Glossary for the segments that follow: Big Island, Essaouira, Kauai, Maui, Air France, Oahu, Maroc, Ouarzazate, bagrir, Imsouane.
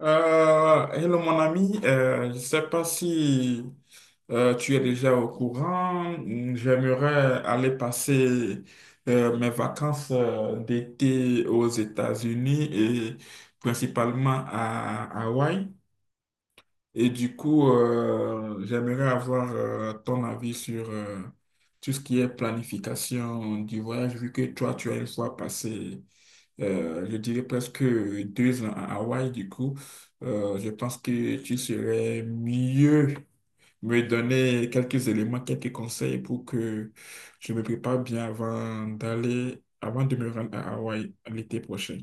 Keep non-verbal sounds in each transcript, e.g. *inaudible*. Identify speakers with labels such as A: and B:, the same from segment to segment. A: Hello mon ami. Je ne sais pas si tu es déjà au courant, j'aimerais aller passer mes vacances d'été aux États-Unis et principalement à Hawaï. Et du coup, j'aimerais avoir ton avis sur tout ce qui est planification du voyage, vu que toi, tu as une fois passé je dirais presque 2 ans à Hawaï. Du coup, je pense que tu serais mieux me donner quelques éléments, quelques conseils pour que je me prépare bien avant d'aller, avant de me rendre à Hawaï l'été prochain.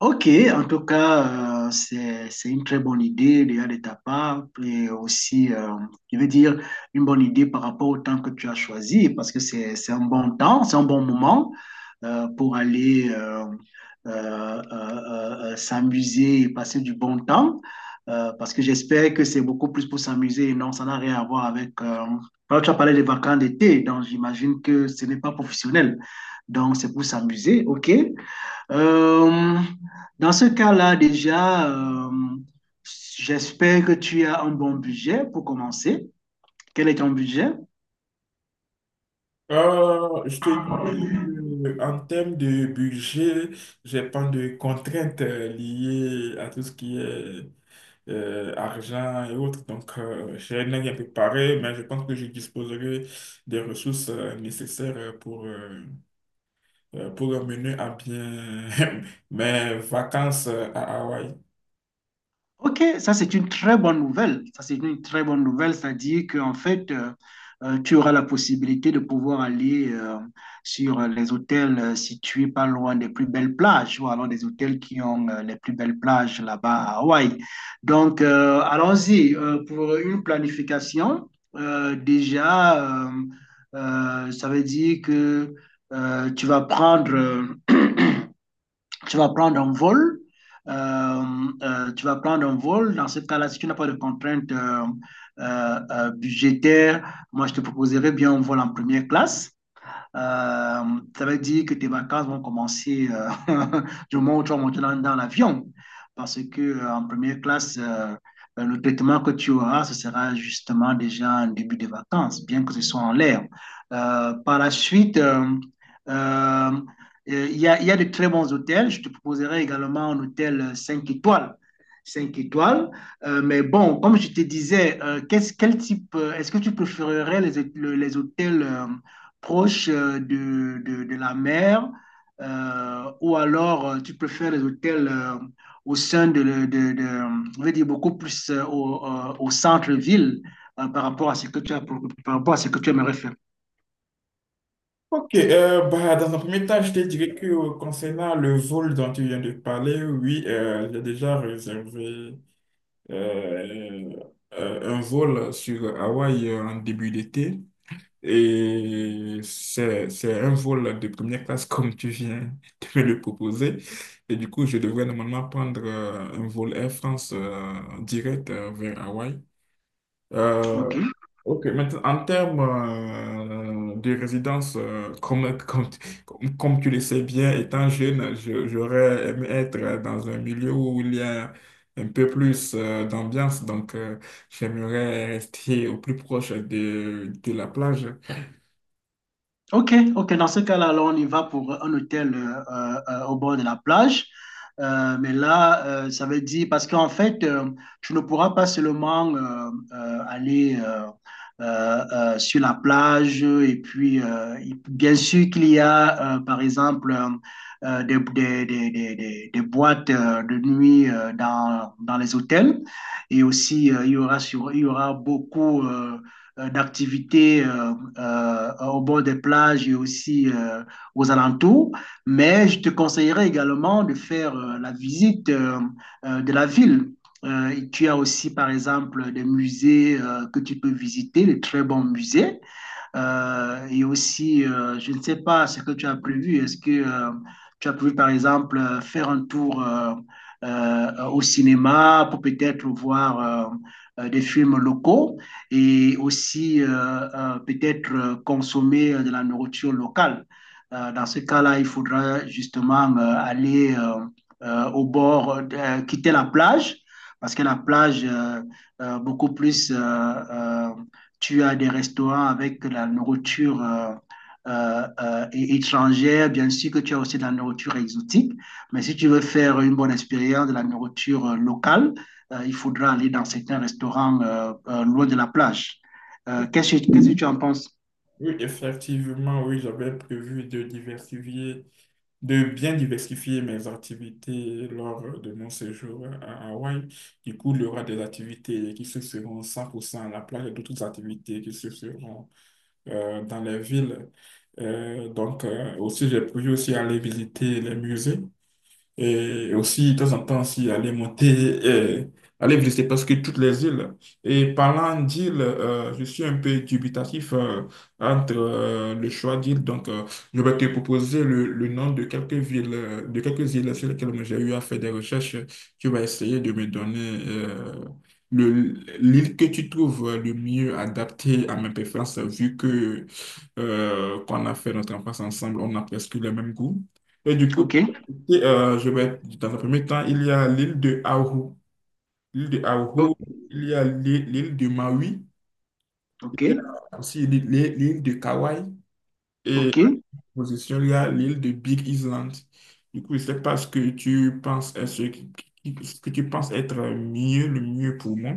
B: Ok, en tout cas, c'est une très bonne idée déjà de ta part et aussi, je veux dire, une bonne idée par rapport au temps que tu as choisi parce que c'est un bon temps, c'est un bon moment pour aller euh, euh, euh, s'amuser et passer du bon temps parce que j'espère que c'est beaucoup plus pour s'amuser et non, ça n'a rien à voir avec. Toi, tu as parlé des vacances d'été, donc j'imagine que ce n'est pas professionnel, donc c'est pour s'amuser, ok? Euh, Dans ce cas-là, déjà, j'espère que tu as un bon budget pour commencer. Quel est ton budget?
A: Je te dis en termes de budget, j'ai pas de contraintes liées à tout ce qui est argent et autres. Donc, j'ai rien préparé, mais je pense que je disposerai des ressources nécessaires pour mener à bien *laughs* mes vacances à Hawaï.
B: Ok, ça c'est une très bonne nouvelle. Ça c'est une très bonne nouvelle, c'est-à-dire qu'en fait, tu auras la possibilité de pouvoir aller sur les hôtels situés pas loin des plus belles plages, ou alors des hôtels qui ont les plus belles plages là-bas à Hawaï. Donc, allons-y pour une planification. Déjà, ça veut dire que tu vas prendre un vol. euh, Tu vas prendre un vol. Dans ce cas-là, si tu n'as pas de contraintes budgétaires, moi, je te proposerais bien un vol en première classe. Euh, Ça veut dire que tes vacances vont commencer *laughs* du moment où tu vas monter dans l'avion. Parce que en première classe, le traitement que tu auras, ce sera justement déjà un début de vacances, bien que ce soit en l'air. Par la suite, euh, il y a de très bons hôtels. Je te proposerai également un hôtel 5 étoiles. Cinq étoiles. Mais bon, comme je te disais, quel type, est-ce que tu préférerais les hôtels proche de la mer, ou alors tu préfères les hôtels au sein de, le- de- je vais dire beaucoup plus au centre-ville par rapport à ce que par rapport à ce que tu aimerais faire.
A: Ok, bah, dans un premier temps, je te dirais que concernant le vol dont tu viens de parler, oui, j'ai déjà réservé euh, un vol sur Hawaï en début d'été. Et c'est un vol de première classe *laughs* comme tu viens de me le proposer. Et du coup, je devrais normalement prendre un vol Air France direct vers Hawaï. Euh,
B: OK.
A: Ok, maintenant, en termes de résidence, *laughs* comme tu le sais bien, étant jeune, j'aurais aimé être dans un milieu où il y a un peu plus d'ambiance. Donc j'aimerais rester au plus proche de la plage.
B: Ok, ok. Dans ce cas-là, alors on y va pour un hôtel au bord de la plage. Mais là, ça veut dire, parce qu'en fait, tu ne pourras pas seulement aller sur la plage. Et puis, bien sûr qu'il y a, par exemple, des boîtes de nuit dans les hôtels. Et aussi, il y aura beaucoup d'activités au bord des plages et aussi aux alentours. Mais je te conseillerais également de faire la visite de la ville. Tu as aussi, par exemple, des musées que tu peux visiter, de très bons musées. Et aussi, je ne sais pas ce que tu as prévu. Est-ce que tu as prévu, par exemple, faire un tour au cinéma pour peut-être voir des films locaux et aussi peut-être consommer de la nourriture locale? Dans ce cas-là, il faudra justement aller au bord, quitter la plage, parce que la plage, beaucoup plus tu as des restaurants avec la nourriture euh, euh, étrangère, bien sûr que tu as aussi de la nourriture exotique, mais si tu veux faire une bonne expérience de la nourriture locale, il faudra aller dans certains restaurants loin de la plage. Qu'est-ce que tu en penses?
A: Oui, effectivement, oui, j'avais prévu de diversifier, de bien diversifier mes activités lors de mon séjour à Hawaï. Du coup, il y aura des activités qui se feront 100% à la plage et d'autres activités qui se feront dans les villes. Aussi, j'ai prévu aussi aller visiter les musées. Et aussi, de temps en temps, aussi, aller monter, aller visiter parce que toutes les îles. Et parlant d'îles, je suis un peu dubitatif entre le choix d'îles. Donc, je vais te proposer le nom de quelques villes, de quelques îles sur lesquelles j'ai eu à faire des recherches. Tu vas essayer de me donner le, l'île que tu trouves le mieux adaptée à mes préférences, vu que qu'on a fait notre enfance ensemble, on a presque le même goût. Et du coup,
B: OK,
A: je vais, dans un premier temps, il y a l'île de Oahu. L'île de Oahu, il y a l'île de Maui,
B: OK,
A: il y a aussi l'île de Kauai, et en
B: OK.
A: position, il y a l'île de Big Island. Du coup, je sais pas ce que tu penses, ce que tu penses être mieux, le mieux pour moi.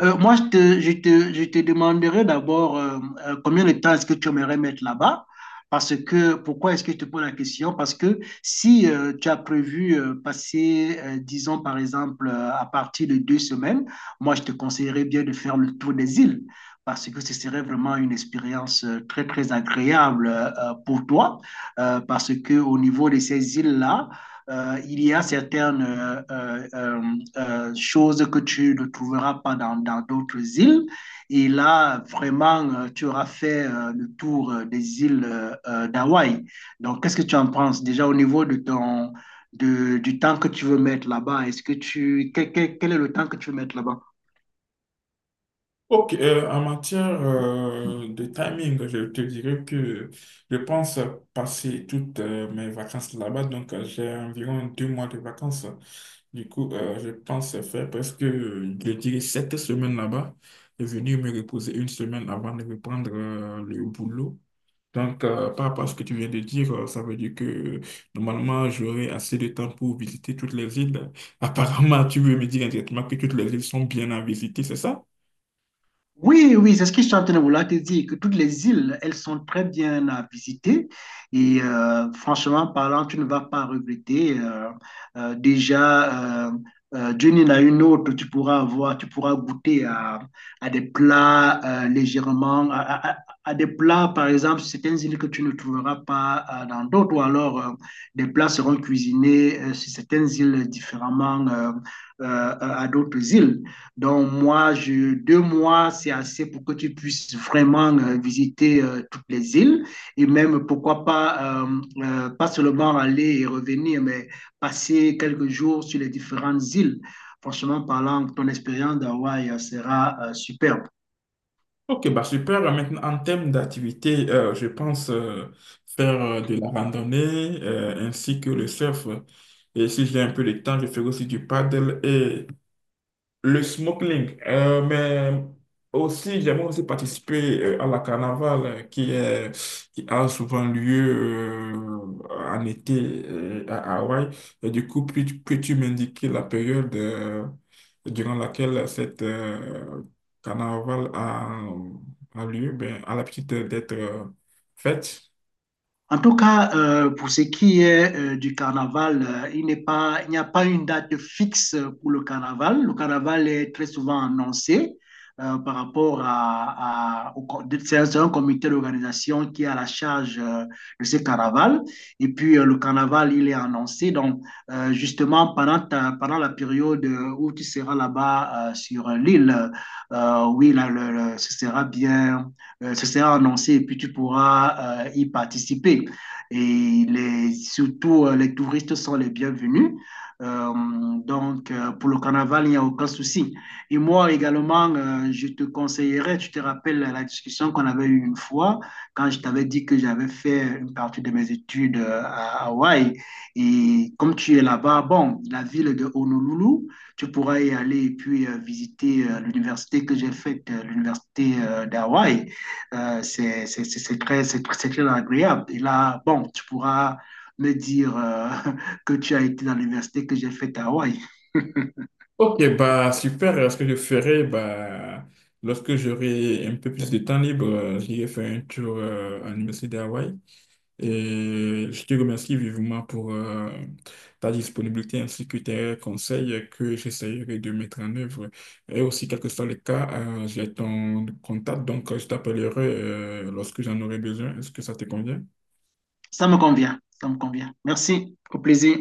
B: Moi, je te demanderai d'abord combien de temps est-ce que tu aimerais mettre là-bas? Parce que, pourquoi est-ce que je te pose la question? Parce que si tu as prévu passer, disons par exemple, à partir de deux semaines, moi, je te conseillerais bien de faire le tour des îles. Parce que ce serait vraiment une expérience très, très agréable pour toi. Parce que au niveau de ces îles-là, il y a certaines choses que tu ne trouveras pas dans d'autres îles. Et là, vraiment, tu auras fait le tour des îles d'Hawaï. Donc, qu'est-ce que tu en penses déjà au niveau du temps que tu veux mettre là-bas? Est-ce quel est le temps que tu veux mettre là-bas?
A: Ok, en matière de timing, je te dirais que je pense passer toutes mes vacances là-bas. Donc, j'ai environ 2 mois de vacances. Du coup, je pense faire presque, je dirais, 7 semaines là-bas et venir me reposer une semaine avant de reprendre le boulot. Donc, par rapport à ce que tu viens de dire, ça veut dire que normalement, j'aurai assez de temps pour visiter toutes les îles. *laughs* Apparemment, tu veux me dire indirectement que toutes les îles sont bien à visiter, c'est ça?
B: Oui, oui, c'est ce que je suis en train de vouloir te dire, que toutes les îles, elles sont très bien à visiter. Et franchement parlant, tu ne vas pas regretter. Déjà, Dieu n'en a une autre, tu pourras goûter à des plats légèrement, à des plats, par exemple, sur certaines îles que tu ne trouveras pas dans d'autres, ou alors des plats seront cuisinés sur certaines îles différemment à d'autres îles. Donc, deux mois, c'est assez pour que tu puisses vraiment visiter toutes les îles et même, pourquoi pas, pas seulement aller et revenir, mais passer quelques jours sur les différentes îles. Franchement parlant, ton expérience d'Hawaï sera superbe.
A: Ok, bah super. Maintenant, en termes d'activité, je pense faire de la randonnée ainsi que le surf. Et si j'ai un peu de temps, je ferai aussi du paddle, le snorkeling, mais aussi, j'aimerais aussi participer à la carnaval qui a souvent lieu en été à Hawaï. Et du coup, peux-tu m'indiquer la période durant laquelle cette carnaval a lieu, ben, à l'habitude d'être faite?
B: En tout cas, pour ce qui est du carnaval, il n'y a pas une date fixe pour le carnaval. Le carnaval est très souvent annoncé par rapport à- au, c'est un comité d'organisation qui a la charge de ce carnaval. Et puis, le carnaval, il est annoncé. Donc, justement, pendant la période où tu seras là-bas sur l'île, oui, là, ce sera bien ce sera annoncé et puis tu pourras y participer. Et les touristes sont les bienvenus. Euh, pour le carnaval, il n'y a aucun souci. Et moi également, je te conseillerais, tu te rappelles la discussion qu'on avait eue une fois, quand je t'avais dit que j'avais fait une partie de mes études à Hawaï. Et comme tu es là-bas, bon, la ville de Honolulu, tu pourras y aller et puis visiter l'université que j'ai faite, l'université d'Hawaï. C'est très, c'est très agréable. Et là, bon, tu pourras me dire *laughs* que tu as été dans l'université que j'ai faite à Hawaï. *laughs*
A: Ok, bah super. Ce que je ferai, bah, lorsque j'aurai un peu plus de temps libre, j'irai faire un tour à l'Université d'Hawaï. Et je te remercie vivement pour ta disponibilité ainsi que tes conseils que j'essaierai de mettre en œuvre. Et aussi, quel que soit le cas, j'ai ton contact, donc je t'appellerai lorsque j'en aurai besoin. Est-ce que ça te convient?
B: Ça me convient, ça me convient. Merci, au plaisir.